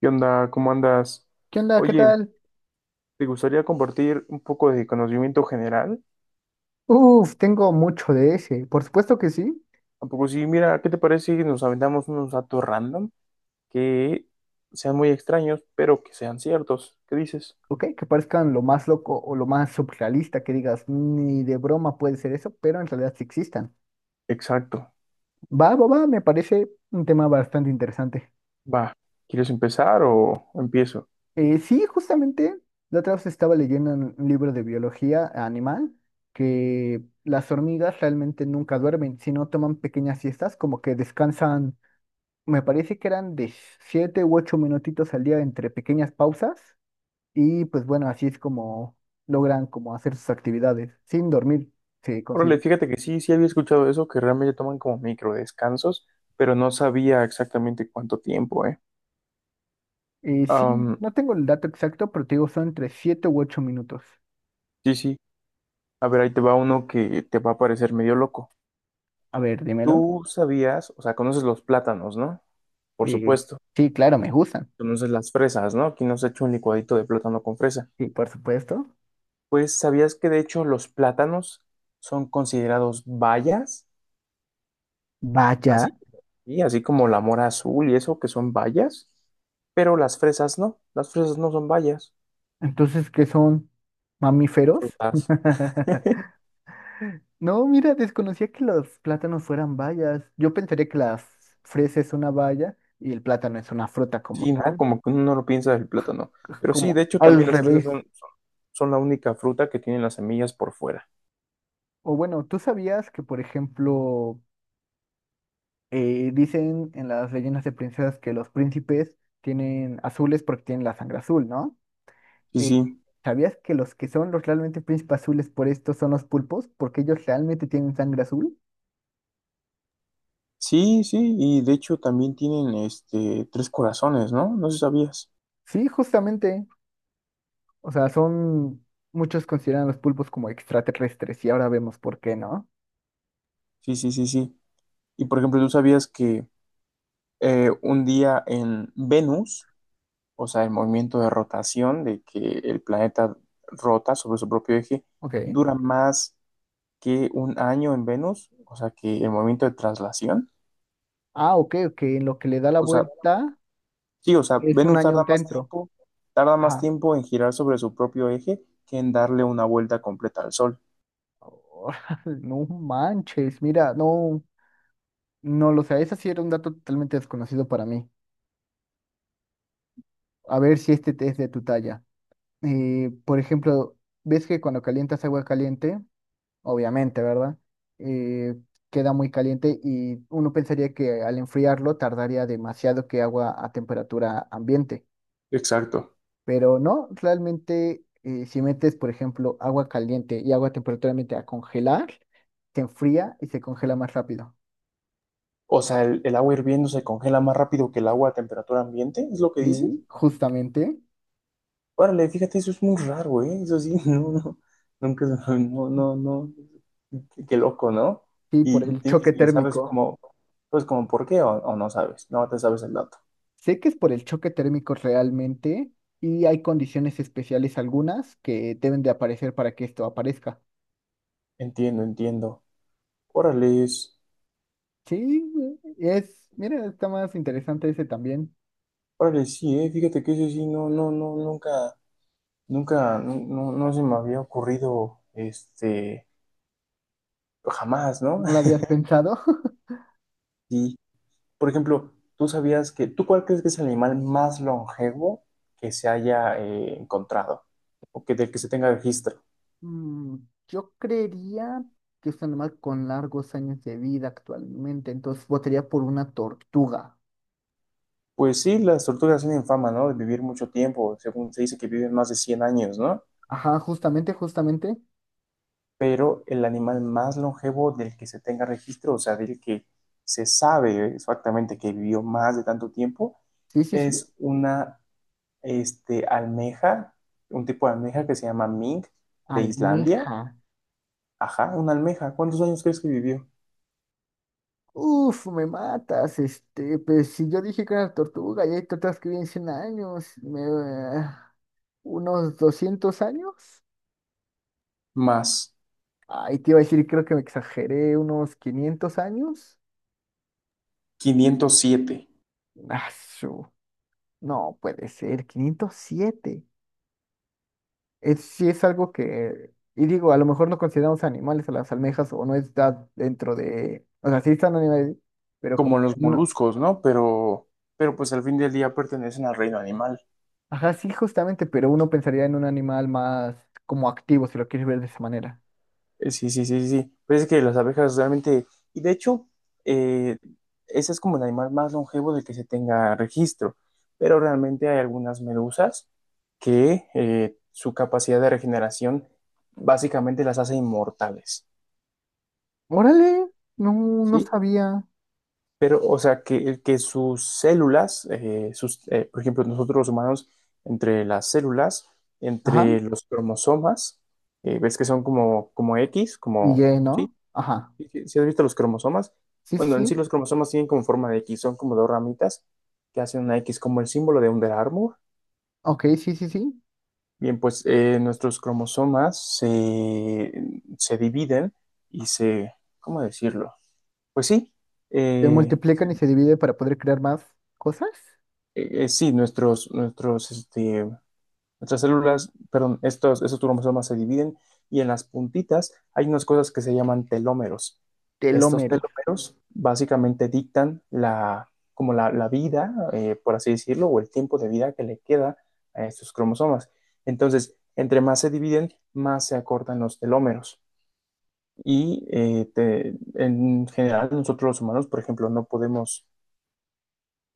¿Qué onda? ¿Cómo andas? ¿Qué onda? ¿Qué Oye, tal? ¿te gustaría compartir un poco de conocimiento general? Uf, tengo mucho de ese. Por supuesto que sí. ¿A poco sí? Mira, ¿qué te parece si nos aventamos unos datos random que sean muy extraños, pero que sean ciertos? ¿Qué dices? Ok, que parezcan lo más loco o lo más surrealista que digas, ni de broma puede ser eso, pero en realidad sí existan. Exacto. Va, va, va, me parece un tema bastante interesante. Va. ¿Quieres empezar o empiezo? Sí, justamente, la otra vez estaba leyendo un libro de biología animal que las hormigas realmente nunca duermen, sino toman pequeñas siestas, como que descansan. Me parece que eran de siete u ocho minutitos al día entre pequeñas pausas. Y pues bueno, así es como logran como hacer sus actividades sin dormir, se considera. Órale, fíjate que sí, sí había escuchado eso, que realmente toman como micro descansos, pero no sabía exactamente cuánto tiempo, ¿eh? Sí, Am, no tengo el dato exacto, pero te digo, son entre siete u ocho minutos. sí, sí. A ver, ahí te va uno que te va a parecer medio loco. A ver, dímelo. Tú sabías, o sea, conoces los plátanos, ¿no? Por Eh, supuesto. sí, claro, me gustan. Conoces las fresas, ¿no? Aquí nos ha hecho un licuadito de plátano con fresa. Sí, por supuesto. Pues sabías que de hecho los plátanos son considerados bayas, así, Vaya. y así como la mora azul y eso, que son bayas, pero las fresas no son bayas, Entonces, ¿qué son mamíferos? frutas. No, mira, desconocía que los plátanos fueran bayas. Yo pensaría que las fresas es una baya y el plátano es una fruta como Sí, ¿no? tal, Como que uno no lo piensa del plátano. pues, Pero sí, de como hecho también al las fresas revés. son la única fruta que tienen las semillas por fuera. O bueno, ¿tú sabías que, por ejemplo, dicen en las leyendas de princesas que los príncipes tienen azules porque tienen la sangre azul? ¿No? Sí, Eh, sí. ¿Sabías que los que son los realmente príncipes azules por esto son los pulpos? Porque ellos realmente tienen sangre azul. Sí, sí, y de hecho también tienen tres corazones, ¿no? No sé si sabías. Sí, justamente. O sea, son... Muchos consideran a los pulpos como extraterrestres y ahora vemos por qué, ¿no? Sí, sí, sí, sí. Y por ejemplo, ¿tú sabías que un día en Venus, o sea, el movimiento de rotación de que el planeta rota sobre su propio eje, Ok. dura más que un año en Venus? O sea, que el movimiento de traslación. Ah, ok, ok. En lo que le da la O sea, vuelta sí, o sea, es un Venus año dentro. Tarda más Ajá. tiempo en girar sobre su propio eje que en darle una vuelta completa al Sol. No manches, mira, no. No lo sé, ese sí era un dato totalmente desconocido para mí. A ver si este es de tu talla. Por ejemplo, ves que cuando calientas agua caliente, obviamente, ¿verdad? Eh, Queda muy caliente y uno pensaría que al enfriarlo tardaría demasiado que agua a temperatura ambiente. Exacto. Pero no, realmente si metes, por ejemplo, agua caliente y agua a temperatura ambiente a congelar, se enfría y se congela más rápido. O sea, el agua hirviendo se congela más rápido que el agua a temperatura ambiente, ¿es lo que dices? Sí, justamente. Órale, fíjate, eso es muy raro, ¿eh? Eso sí, no, no, nunca, no, no, no, qué loco, ¿no? Sí, Y, por el tienes- choque y sabes térmico. cómo, pues como por qué o no sabes, no te sabes el dato. Sé que es por el choque térmico realmente y hay condiciones especiales algunas que deben de aparecer para que esto aparezca. Entiendo, entiendo. Órale, Sí, es, mira, está más interesante ese también. órale, sí, ¿eh? Fíjate que eso sí, no, no, no, nunca, nunca, no, no no se me había ocurrido, jamás, ¿no? No lo habías pensado. Sí. Por ejemplo, ¿tú sabías que, tú cuál crees que es el animal más longevo que se haya encontrado o que del que se tenga registro? Mm, Yo creería que es un animal con largos años de vida actualmente, entonces votaría por una tortuga. Pues sí, las tortugas tienen fama, ¿no? De vivir mucho tiempo, según se dice que viven más de 100 años, ¿no? Ajá, justamente, justamente. Pero el animal más longevo del que se tenga registro, o sea, del que se sabe exactamente que vivió más de tanto tiempo, Sí, sí, sí. es una almeja, un tipo de almeja que se llama mink de Islandia. Almeja. Ajá, una almeja. ¿Cuántos años crees que vivió? Uf, me matas, este, pues si yo dije que era tortuga y hay tortugas que viven 100 años, me, unos 200 años. Más Ay, te iba a decir, creo que me exageré, unos 500 años. 507, Ah, su- no puede ser, 507. Es, sí es algo que, y digo, a lo mejor no consideramos animales a las almejas o no está dentro de, o sea, sí están animales, pero como como que los no. moluscos, ¿no? Pero pues al fin del día pertenecen al reino animal. Ajá, sí, justamente, pero uno pensaría en un animal más como activo, si lo quieres ver de esa manera. Sí, sí, sí, sí. Sí. Pues es que las abejas realmente, y de hecho, eh, ese es como el animal más longevo del que se tenga registro, pero realmente hay algunas medusas que su capacidad de regeneración básicamente las hace inmortales, Órale, no, no ¿sí? sabía. Pero, o sea, que sus células, por ejemplo, nosotros los humanos, entre las células, Ajá, entre los cromosomas, ves que son como X, y como, Y, ¿sí? ¿no? Ajá. Si has visto los cromosomas, Sí, sí, bueno, en sí sí. los cromosomas tienen como forma de X, son como dos ramitas que hacen una X como el símbolo de Under Armour. Ok, sí, sí, sí. Bien, pues nuestros cromosomas se dividen y ¿cómo decirlo? Pues sí, Se se multiplican y se divide para poder crear más cosas. Sí, nuestras células, perdón, esos cromosomas se dividen y en las puntitas hay unas cosas que se llaman telómeros. Estos Telómeros. telómeros básicamente dictan la, como la vida, por así decirlo, o el tiempo de vida que le queda a estos cromosomas. Entonces, entre más se dividen, más se acortan los telómeros. Y en general nosotros los humanos, por ejemplo, no podemos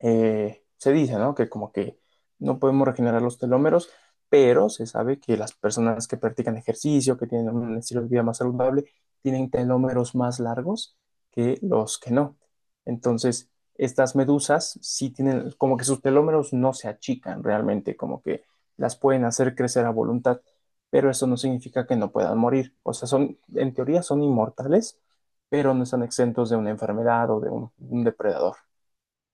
se dice, ¿no? Que como que no podemos regenerar los telómeros, pero se sabe que las personas que practican ejercicio, que tienen un estilo de vida más saludable, tienen telómeros más largos que los que no. Entonces, estas medusas sí tienen, como que sus telómeros no se achican realmente, como que las pueden hacer crecer a voluntad, pero eso no significa que no puedan morir. O sea, son, en teoría son inmortales, pero no están exentos de una enfermedad o de un depredador.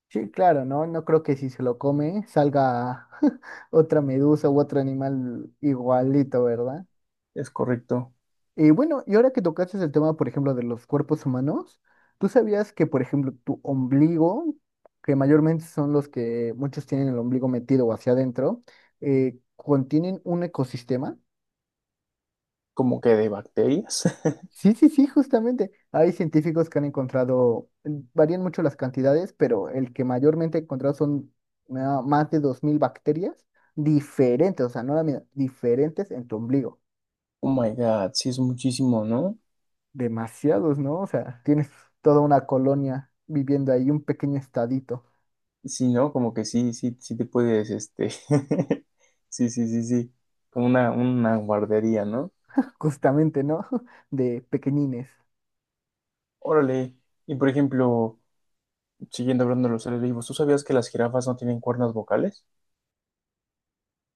Sí, claro, ¿no? No creo que si se lo come salga otra medusa u otro animal igualito, ¿verdad? Es correcto. Y bueno, y ahora que tocaste el tema, por ejemplo, de los cuerpos humanos, ¿tú sabías que, por ejemplo, tu ombligo, que mayormente son los que muchos tienen el ombligo metido o hacia adentro, contienen un ecosistema? Como que de bacterias. Sí, sí, sí, justamente. Hay científicos que han encontrado, varían mucho las cantidades, pero el que mayormente he encontrado son más de 2000 bacterias diferentes, o sea, no la misma, diferentes en tu ombligo. Oh my God, sí es muchísimo, ¿no? Demasiados, ¿no? O sea, tienes toda una colonia viviendo ahí, un pequeño estadito, Sí, ¿no? Como que sí, sí, sí te puedes, sí, sí, sí, sí, como una guardería, ¿no? justamente, ¿no? De pequeñines, Órale, y por ejemplo, siguiendo hablando de los seres vivos, ¿tú sabías que las jirafas no tienen cuerdas vocales?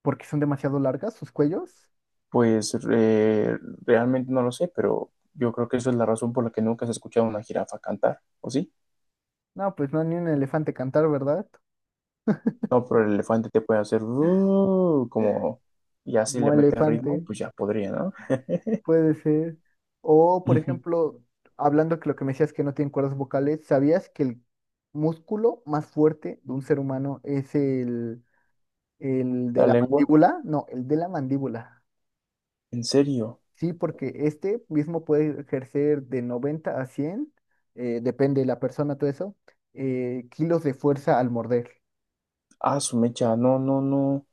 porque son demasiado largas sus cuellos. Pues realmente no lo sé, pero yo creo que eso es la razón por la que nunca has escuchado a una jirafa cantar, ¿o sí? No, pues no, ni un elefante cantar, ¿verdad? No, pero el elefante te puede hacer como, y así Como le mete ritmo, elefante, pues ya podría, ¿no? puede ser. O, por ejemplo, hablando que lo que me decías que no tienen cuerdas vocales, ¿sabías que el músculo más fuerte de un ser humano es el de La la lengua, mandíbula? No, el de la mandíbula. en serio. Sí, porque este mismo puede ejercer de 90 a 100, depende de la persona, todo eso, kilos de fuerza al morder. Ah, su mecha, no, no, no.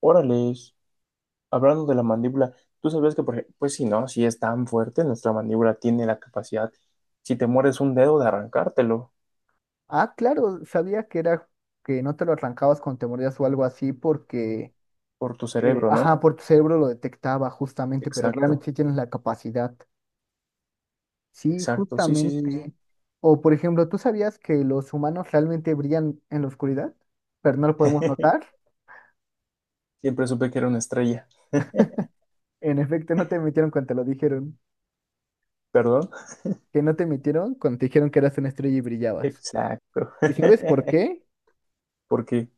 Órales. Hablando de la mandíbula, ¿tú sabías que, pues si no, si es tan fuerte, nuestra mandíbula tiene la capacidad, si te mueres un dedo, de arrancártelo Ah, claro, sabía que era que no te lo arrancabas cuando te mordías o algo así porque, por tu cerebro, ¿no? ajá, por tu cerebro lo detectaba justamente, pero Exacto, realmente sí tienes la capacidad. Sí, exacto. Sí, sí, sí, sí. justamente. O por ejemplo, ¿tú sabías que los humanos realmente brillan en la oscuridad, pero no lo podemos notar? Siempre supe que era una estrella. En efecto, no te metieron cuando te lo dijeron. ¿Perdón? Que no te emitieron cuando te dijeron que eras una estrella y brillabas. Exacto. ¿Y sabes por qué? Porque,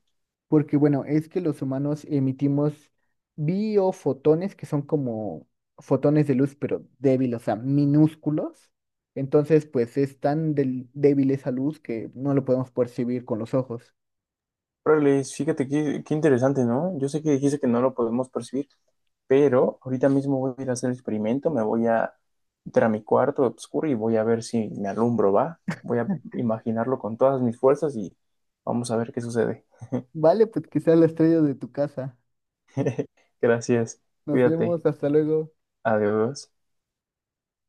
Porque, bueno, es que los humanos emitimos biofotones, que son como fotones de luz, pero débiles, o sea, minúsculos. Entonces, pues es tan débil esa luz que no lo podemos percibir con los ojos. órales, fíjate qué interesante, ¿no? Yo sé que dijiste que no lo podemos percibir, pero ahorita mismo voy a ir a hacer el experimento, me voy a entrar a mi cuarto oscuro y voy a ver si me alumbro, ¿va? Voy a imaginarlo con todas mis fuerzas y vamos a ver qué sucede. Vale, pues que sea la estrella de tu casa. Gracias, Nos cuídate, vemos, hasta luego. adiós.